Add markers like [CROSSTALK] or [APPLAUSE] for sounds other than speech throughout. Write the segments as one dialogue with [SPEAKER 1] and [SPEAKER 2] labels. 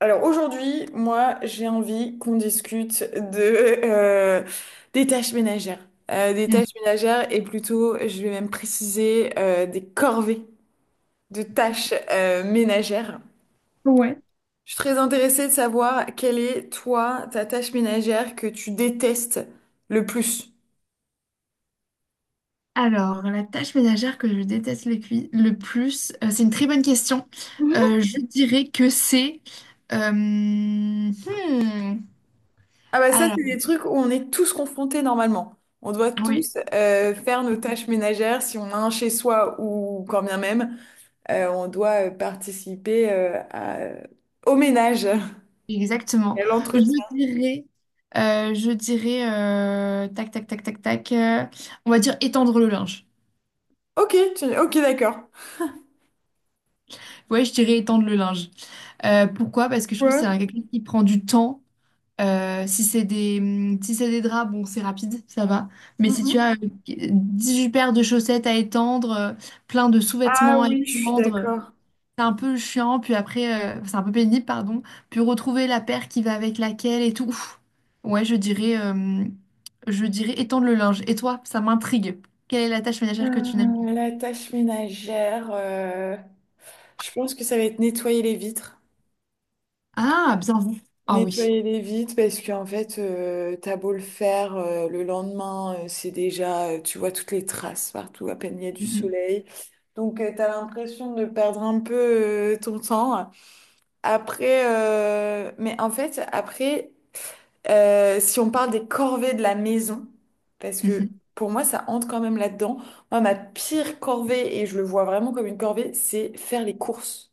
[SPEAKER 1] Alors aujourd'hui, moi, j'ai envie qu'on discute de des tâches ménagères. Des
[SPEAKER 2] Mm.
[SPEAKER 1] tâches ménagères et plutôt, je vais même préciser des corvées de tâches ménagères.
[SPEAKER 2] Ouais.
[SPEAKER 1] Je suis très intéressée de savoir quelle est toi ta tâche ménagère que tu détestes le plus.
[SPEAKER 2] Alors, la tâche ménagère que je déteste le plus, c'est une très bonne question. Je dirais que c'est... euh, hmm,
[SPEAKER 1] Ah bah ça,
[SPEAKER 2] alors,
[SPEAKER 1] c'est des trucs où on est tous confrontés normalement. On doit
[SPEAKER 2] oui,
[SPEAKER 1] tous faire nos tâches ménagères si on a un chez soi ou quand bien même. On doit participer au ménage [LAUGHS]
[SPEAKER 2] exactement.
[SPEAKER 1] et à
[SPEAKER 2] Je
[SPEAKER 1] l'entretien.
[SPEAKER 2] dirais... tac, tac, tac, tac, tac. On va dire étendre le linge.
[SPEAKER 1] Ok, ok, d'accord.
[SPEAKER 2] Ouais, je dirais étendre le linge. Pourquoi? Parce que je trouve que
[SPEAKER 1] Ouais.
[SPEAKER 2] quelque chose qui prend du temps. Si c'est des, si c'est des draps, bon, c'est rapide, ça va. Mais si tu
[SPEAKER 1] Mhm.
[SPEAKER 2] as 8 paires de chaussettes à étendre, plein de
[SPEAKER 1] Ah
[SPEAKER 2] sous-vêtements à
[SPEAKER 1] oui, je suis
[SPEAKER 2] étendre,
[SPEAKER 1] d'accord.
[SPEAKER 2] c'est un peu chiant. Puis après, c'est un peu pénible, pardon. Puis retrouver la paire qui va avec laquelle et tout. Ouf. Ouais, je dirais étendre le linge. Et toi, ça m'intrigue. Quelle est la tâche ménagère que tu n'aimes pas?
[SPEAKER 1] La tâche ménagère, je pense que ça va être nettoyer les vitres.
[SPEAKER 2] Ah, bien vu. Ah oui.
[SPEAKER 1] Nettoyer les vitres parce qu'en fait, t'as beau le faire, le lendemain, c'est déjà, tu vois toutes les traces partout, à peine il y a du
[SPEAKER 2] Mhm,
[SPEAKER 1] soleil. Donc, tu t'as l'impression de perdre un peu, ton temps. Après, mais en fait, après, si on parle des corvées de la maison, parce que
[SPEAKER 2] mhm.
[SPEAKER 1] pour moi, ça entre quand même là-dedans. Moi, ma pire corvée, et je le vois vraiment comme une corvée, c'est faire les courses.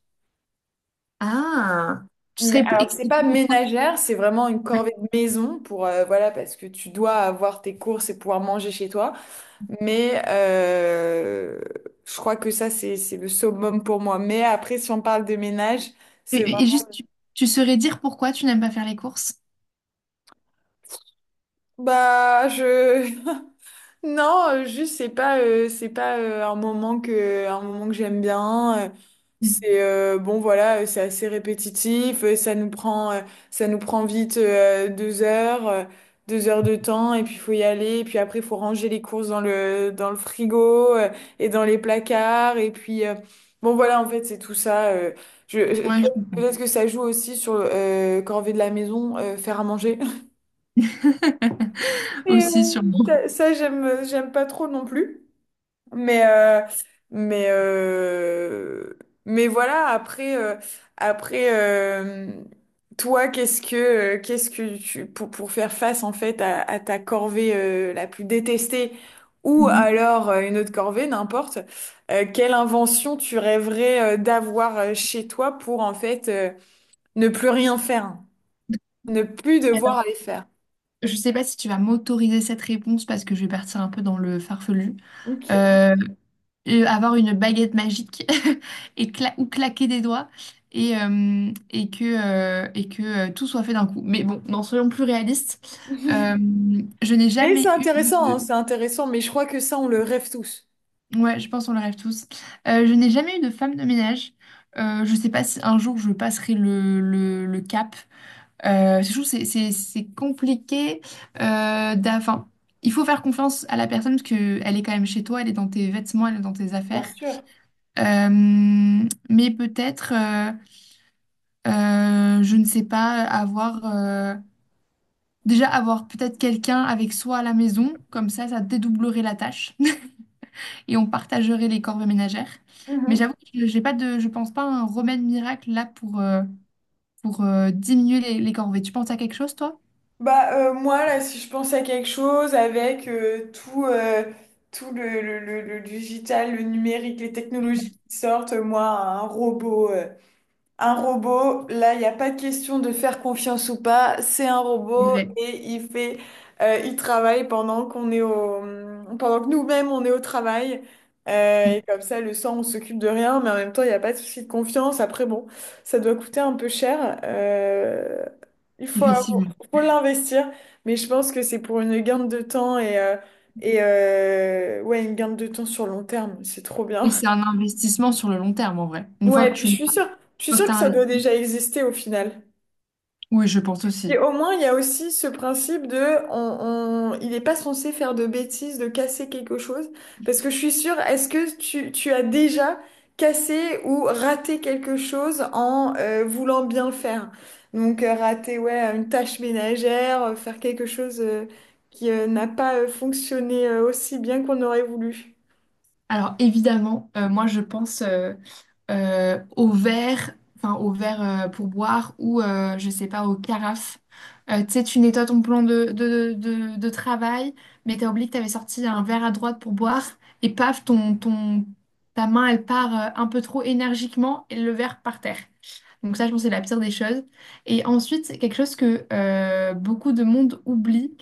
[SPEAKER 2] Ah, tu
[SPEAKER 1] Mais
[SPEAKER 2] serais
[SPEAKER 1] alors, c'est
[SPEAKER 2] expliqué
[SPEAKER 1] pas
[SPEAKER 2] pourquoi?
[SPEAKER 1] ménagère, c'est vraiment une corvée de maison pour, voilà, parce que tu dois avoir tes courses et pouvoir manger chez toi. Mais je crois que ça, c'est le summum pour moi. Mais après, si on parle de ménage, c'est
[SPEAKER 2] Et
[SPEAKER 1] vraiment,
[SPEAKER 2] juste, tu saurais dire pourquoi tu n'aimes pas faire les courses?
[SPEAKER 1] bah, non, juste c'est pas un moment que j'aime bien.
[SPEAKER 2] Mm.
[SPEAKER 1] C'est bon voilà, c'est assez répétitif. Ça nous prend vite deux heures de temps et puis faut y aller. Et puis après il faut ranger les courses dans le frigo et dans les placards. Et puis bon voilà en fait c'est tout ça. Je, je-
[SPEAKER 2] Ouais, je comprends.
[SPEAKER 1] Peut-être que ça joue aussi sur corvée de la maison, faire à manger. [LAUGHS]
[SPEAKER 2] [LAUGHS]
[SPEAKER 1] Et,
[SPEAKER 2] Aussi, sûrement.
[SPEAKER 1] j'aime pas trop non plus. Mais, euh, mais, euh, mais voilà, après, toi, qu'est-ce que tu, pour faire face en fait à ta corvée la plus détestée ou
[SPEAKER 2] Mhm.
[SPEAKER 1] alors une autre corvée, n'importe, quelle invention tu rêverais d'avoir chez toi pour en fait ne plus rien faire, ne plus devoir
[SPEAKER 2] Alors,
[SPEAKER 1] aller faire.
[SPEAKER 2] je sais pas si tu vas m'autoriser cette réponse parce que je vais partir un peu dans le farfelu.
[SPEAKER 1] Ok.
[SPEAKER 2] Euh, avoir une baguette magique [LAUGHS] et ou claquer des doigts et que tout soit fait d'un coup. Mais bon, non, soyons plus réalistes. Euh, je n'ai
[SPEAKER 1] Mais c'est
[SPEAKER 2] jamais eu
[SPEAKER 1] intéressant, hein,
[SPEAKER 2] de-
[SPEAKER 1] c'est intéressant, mais je crois que ça, on le rêve tous.
[SPEAKER 2] Ouais, je pense qu'on le rêve tous. Je n'ai jamais eu de femme de ménage. Je sais pas si un jour je passerai le cap. Je trouve que c'est compliqué. Enfin, il faut faire confiance à la personne parce qu'elle est quand même chez toi, elle est dans tes vêtements, elle est dans tes
[SPEAKER 1] Bien
[SPEAKER 2] affaires.
[SPEAKER 1] sûr.
[SPEAKER 2] Euh, mais peut-être, je ne sais pas, déjà avoir peut-être quelqu'un avec soi à la maison, comme ça dédoublerait la tâche. Et on partagerait les corvées ménagères. Mais
[SPEAKER 1] Mhm.
[SPEAKER 2] j'avoue que je- j'ai pas de, je pense pas à un remède miracle là pour diminuer les corvées. Tu penses à quelque chose, toi?
[SPEAKER 1] Bah, moi, là, si je pense à quelque chose avec tout le digital, le numérique, les technologies qui sortent, moi, un robot. Un robot, là, il n'y a pas de question de faire confiance ou pas. C'est un
[SPEAKER 2] C'est
[SPEAKER 1] robot
[SPEAKER 2] vrai.
[SPEAKER 1] et il travaille pendant que nous-mêmes on est au travail.
[SPEAKER 2] Mm,
[SPEAKER 1] Et comme ça, le sang, on s'occupe de rien, mais en même temps, il n'y a pas de souci de confiance. Après, bon, ça doit coûter un peu cher. Il faut, avoir-
[SPEAKER 2] effectivement.
[SPEAKER 1] Faut l'investir, mais je pense que c'est pour une gain de temps et ouais, une gain de temps sur long terme. C'est trop bien.
[SPEAKER 2] Et c'est un investissement sur le long terme, en vrai. Une fois
[SPEAKER 1] Ouais, [LAUGHS]
[SPEAKER 2] que
[SPEAKER 1] et puis
[SPEAKER 2] tu
[SPEAKER 1] je
[SPEAKER 2] l'as, une
[SPEAKER 1] suis sûre,
[SPEAKER 2] fois que tu
[SPEAKER 1] que
[SPEAKER 2] as
[SPEAKER 1] ça doit
[SPEAKER 2] investi.
[SPEAKER 1] déjà exister au final.
[SPEAKER 2] Oui, je pense
[SPEAKER 1] Et
[SPEAKER 2] aussi.
[SPEAKER 1] au moins, il y a aussi ce principe de, il n'est pas censé faire de bêtises, de casser quelque chose. Parce que je suis sûre, est-ce que tu as déjà cassé ou raté quelque chose en voulant bien le faire? Donc, rater, ouais, une tâche ménagère, faire quelque chose qui n'a pas fonctionné aussi bien qu'on aurait voulu.
[SPEAKER 2] Alors évidemment, moi je pense au verre pour boire ou je sais pas, aux carafes. Tu sais, tu nettoies ton plan de travail, mais t'as oublié que t'avais sorti un verre à droite pour boire et paf, ta main elle part un peu trop énergiquement et le verre par terre. Donc ça, je pense que c'est la pire des choses. Et ensuite, c'est quelque chose que beaucoup de monde oublie.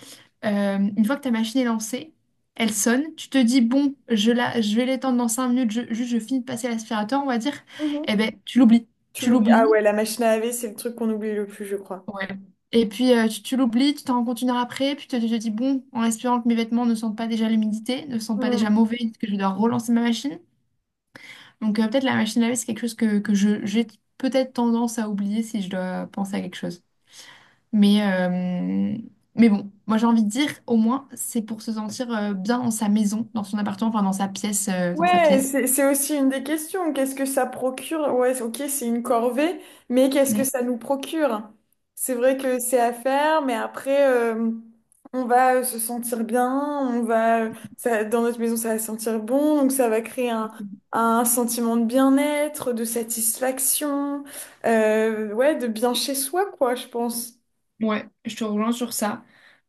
[SPEAKER 2] Une fois que ta machine est lancée, elle sonne, tu te dis, bon, je vais l'étendre dans 5 minutes, juste je finis de passer l'aspirateur, on va dire.
[SPEAKER 1] Mhm.
[SPEAKER 2] Eh ben, tu l'oublies.
[SPEAKER 1] Tu
[SPEAKER 2] Tu
[SPEAKER 1] l'oublies? Ah
[SPEAKER 2] l'oublies.
[SPEAKER 1] ouais, la machine à laver, c'est le truc qu'on oublie le plus, je crois.
[SPEAKER 2] Ouais. Et puis, tu l'oublies, tu t'en rends compte 1 heure après, puis tu te dis, bon, en espérant que mes vêtements ne sentent pas déjà l'humidité, ne sentent pas déjà mauvais, que je dois relancer ma machine. Donc, peut-être la machine à laver, c'est quelque chose que j'ai peut-être tendance à oublier si je dois penser à quelque chose. Mais, euh, mais bon, moi j'ai envie de dire, au moins, c'est pour se sentir bien dans sa maison, dans son appartement, enfin dans sa pièce, euh, dans sa
[SPEAKER 1] Ouais,
[SPEAKER 2] pièce.
[SPEAKER 1] c'est aussi une des questions. Qu'est-ce que ça procure? Ouais, ok, c'est une corvée, mais qu'est-ce que
[SPEAKER 2] Mm.
[SPEAKER 1] ça nous procure? C'est vrai que c'est à faire, mais après, on va se sentir bien, ça, dans notre maison, ça va sentir bon, donc ça va créer un sentiment de bien-être, de satisfaction, ouais, de bien chez soi, quoi, je pense.
[SPEAKER 2] Ouais, je te rejoins sur ça.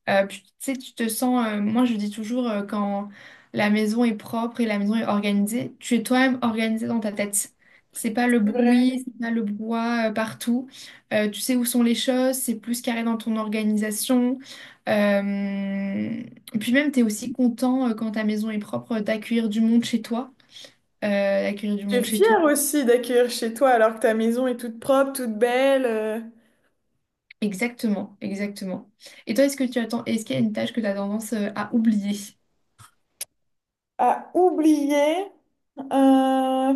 [SPEAKER 2] Puis, tu sais, tu te sens, moi je dis toujours, quand la maison est propre et la maison est organisée, tu es toi-même organisé dans ta tête. C'est pas le
[SPEAKER 1] C'est vrai.
[SPEAKER 2] bruit, c'est pas le brouhaha partout. Tu sais où sont les choses, c'est plus carré dans ton organisation. Euh, puis même, tu es aussi content quand ta maison est propre d'accueillir du monde chez toi. Euh, d'accueillir du
[SPEAKER 1] Je
[SPEAKER 2] monde
[SPEAKER 1] suis
[SPEAKER 2] chez
[SPEAKER 1] fière
[SPEAKER 2] toi.
[SPEAKER 1] aussi d'accueillir chez toi alors que ta maison est toute propre, toute belle,
[SPEAKER 2] Exactement, exactement. Et toi, est-ce que est-ce qu'il y a une tâche que tu as tendance à oublier?
[SPEAKER 1] à oublier. Euh,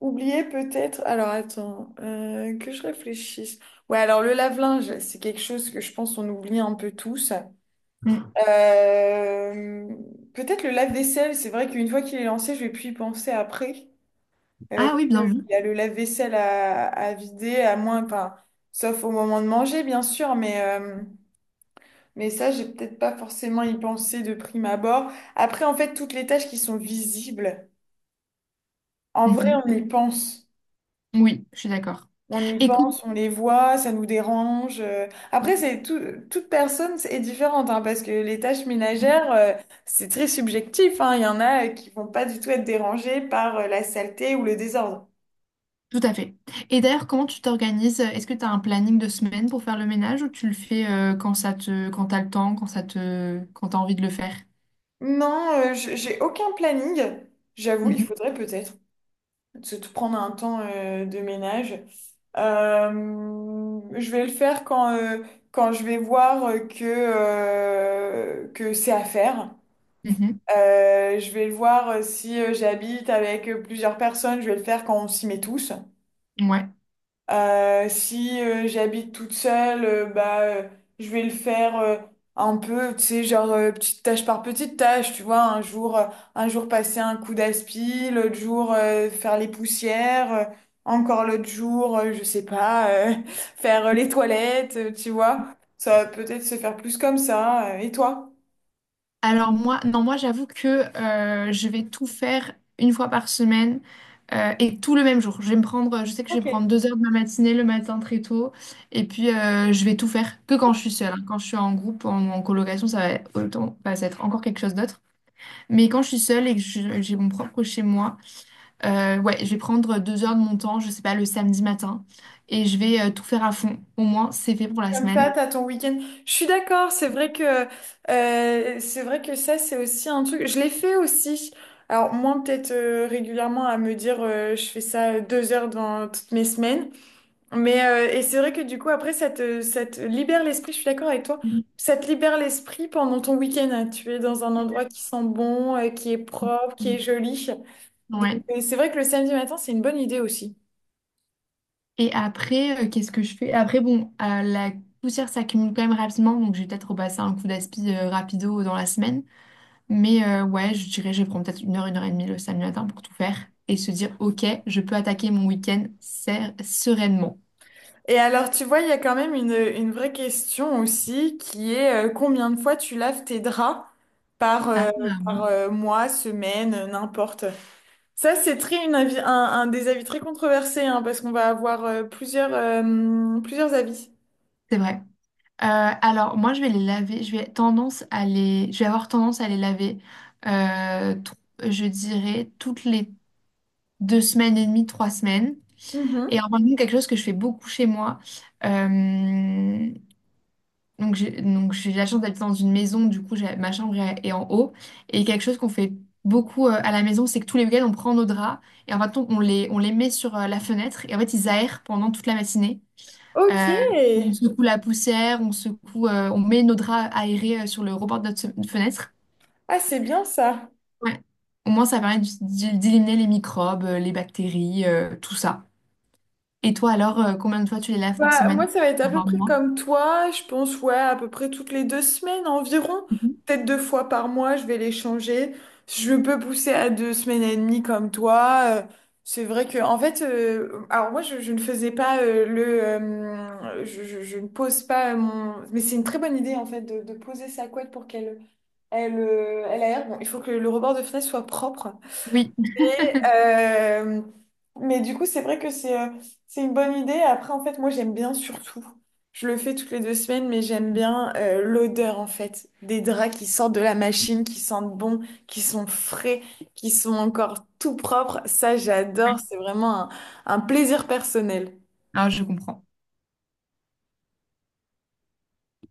[SPEAKER 1] Oublier peut-être. Alors attends, que je réfléchisse. Ouais, alors le lave-linge, c'est quelque chose que je pense on oublie un peu tous. Euh, Peut-être le lave-vaisselle. C'est vrai qu'une fois qu'il est lancé, je vais plus y penser après. Euh,
[SPEAKER 2] Ah oui, bien
[SPEAKER 1] que-
[SPEAKER 2] vu.
[SPEAKER 1] il y a le lave-vaisselle à vider, à moins, enfin, sauf au moment de manger, bien sûr, mais mais ça, j'ai peut-être pas forcément y pensé de prime abord. Après, en fait, toutes les tâches qui sont visibles, en vrai,
[SPEAKER 2] Mhm.
[SPEAKER 1] on y pense.
[SPEAKER 2] Oui, je suis d'accord.
[SPEAKER 1] On y
[SPEAKER 2] Et comment-
[SPEAKER 1] pense, on les voit, ça nous dérange. Après, toute personne est différente, hein, parce que les tâches ménagères, c'est très subjectif, hein. Il y en a qui vont pas du tout être dérangés par la saleté ou le désordre.
[SPEAKER 2] Tout à fait. Et d'ailleurs, comment tu t'organises? Est-ce que tu as un planning de semaine pour faire le ménage ou tu le fais quand ça te quand t'as le temps, quand ça te quand t'as envie de le faire?
[SPEAKER 1] Non, j'ai aucun planning. J'avoue, il
[SPEAKER 2] Mhm.
[SPEAKER 1] faudrait peut-être se tout prendre un temps de ménage. Je vais le faire quand je vais voir que c'est à faire.
[SPEAKER 2] Mhm.
[SPEAKER 1] Je vais le voir si j'habite avec plusieurs personnes, je vais le faire quand on s'y met tous.
[SPEAKER 2] Ouais.
[SPEAKER 1] Si j'habite toute seule, bah, je vais le faire un peu, tu sais, genre petite tâche par petite tâche, tu vois, un jour passer un coup d'aspi, l'autre jour faire les poussières, encore l'autre jour, je sais pas, [LAUGHS] faire les toilettes, tu vois. Ça va peut-être se faire plus comme ça. Et toi?
[SPEAKER 2] Alors moi, non, moi j'avoue que je vais tout faire une fois par semaine et tout le même jour. Je sais que je vais prendre 2 heures de ma matinée le matin très tôt et puis je vais tout faire que quand je suis seule, hein. Quand je suis en groupe, en colocation, ça va autant, bah, ça va être encore quelque chose d'autre. Mais quand je suis seule et que j'ai mon propre chez moi, ouais, je vais prendre deux heures de mon temps, je sais pas, le samedi matin et je vais tout faire à fond. Au moins, c'est fait pour la
[SPEAKER 1] Comme ça,
[SPEAKER 2] semaine.
[SPEAKER 1] t'as ton week-end. Je suis d'accord, c'est vrai que ça, c'est aussi un truc. Je l'ai fait aussi. Alors moi, peut-être régulièrement à me dire, je fais ça 2 heures dans toutes mes semaines. Mais et c'est vrai que du coup, après, ça te libère l'esprit. Je suis d'accord avec toi. Ça te libère l'esprit pendant ton week-end, hein. Tu es dans un endroit qui sent bon, qui est propre, qui est joli. Donc
[SPEAKER 2] Ouais.
[SPEAKER 1] c'est vrai que le samedi matin, c'est une bonne idée aussi.
[SPEAKER 2] Et après, qu'est-ce que je fais? Après, bon, la poussière s'accumule quand même rapidement, donc je vais peut-être repasser un coup d'aspi rapido dans la semaine. Mais, ouais, je dirais, je vais prendre peut-être 1 heure, 1 heure et demie le samedi matin pour tout faire et se dire, ok, je peux attaquer mon week-end sereinement.
[SPEAKER 1] Et alors, tu vois, il y a quand même une vraie question aussi qui est combien de fois tu laves tes draps par,
[SPEAKER 2] Ah,
[SPEAKER 1] euh, par mois, semaine, n'importe. Ça, c'est très une avis, un des avis très controversés hein, parce qu'on va avoir plusieurs avis.
[SPEAKER 2] c'est vrai. Euh, alors, moi, je vais les laver. Je vais avoir tendance à les laver, euh, tr- je dirais, toutes les 2 semaines et demie, 3 semaines. Et
[SPEAKER 1] Mhm.
[SPEAKER 2] en même temps, quelque chose que je fais beaucoup chez moi, euh, Donc j'ai la chance d'habiter dans une maison, du coup ma chambre est en haut. Et quelque chose qu'on fait beaucoup à la maison, c'est que tous les week-ends on prend nos draps et en fait on les met sur la fenêtre et en fait ils aèrent pendant toute la matinée.
[SPEAKER 1] Ok.
[SPEAKER 2] Euh, on secoue la poussière, on met nos draps aérés sur le rebord de notre fenêtre.
[SPEAKER 1] Ah, c'est bien ça.
[SPEAKER 2] Ouais. Au moins ça permet d'éliminer les microbes, les bactéries, tout ça. Et toi alors, combien de fois tu les laves par
[SPEAKER 1] Bah,
[SPEAKER 2] semaine?
[SPEAKER 1] moi, ça va être à
[SPEAKER 2] Ah,
[SPEAKER 1] peu
[SPEAKER 2] par
[SPEAKER 1] près
[SPEAKER 2] mois.
[SPEAKER 1] comme toi. Je pense, ouais, à peu près toutes les 2 semaines environ.
[SPEAKER 2] Mhm.
[SPEAKER 1] Peut-être 2 fois par mois, je vais les changer. Je peux pousser à 2 semaines et demie comme toi. C'est vrai que, en fait, alors moi, je ne faisais pas je ne pose pas mon. Mais c'est une très bonne idée, en fait, de poser sa couette pour qu'elle elle, elle aère. Bon, il faut que le rebord de fenêtre soit propre.
[SPEAKER 2] Oui,
[SPEAKER 1] Euh, mais du coup, c'est vrai que c'est une bonne idée. Après, en fait, moi, j'aime bien surtout. Je le fais toutes les 2 semaines, mais j'aime bien l'odeur, en fait, des draps qui sortent de la machine, qui sentent bon, qui sont frais, qui sont encore tout propres. Ça,
[SPEAKER 2] ouais.
[SPEAKER 1] j'adore. C'est vraiment un plaisir personnel.
[SPEAKER 2] Alors je comprends.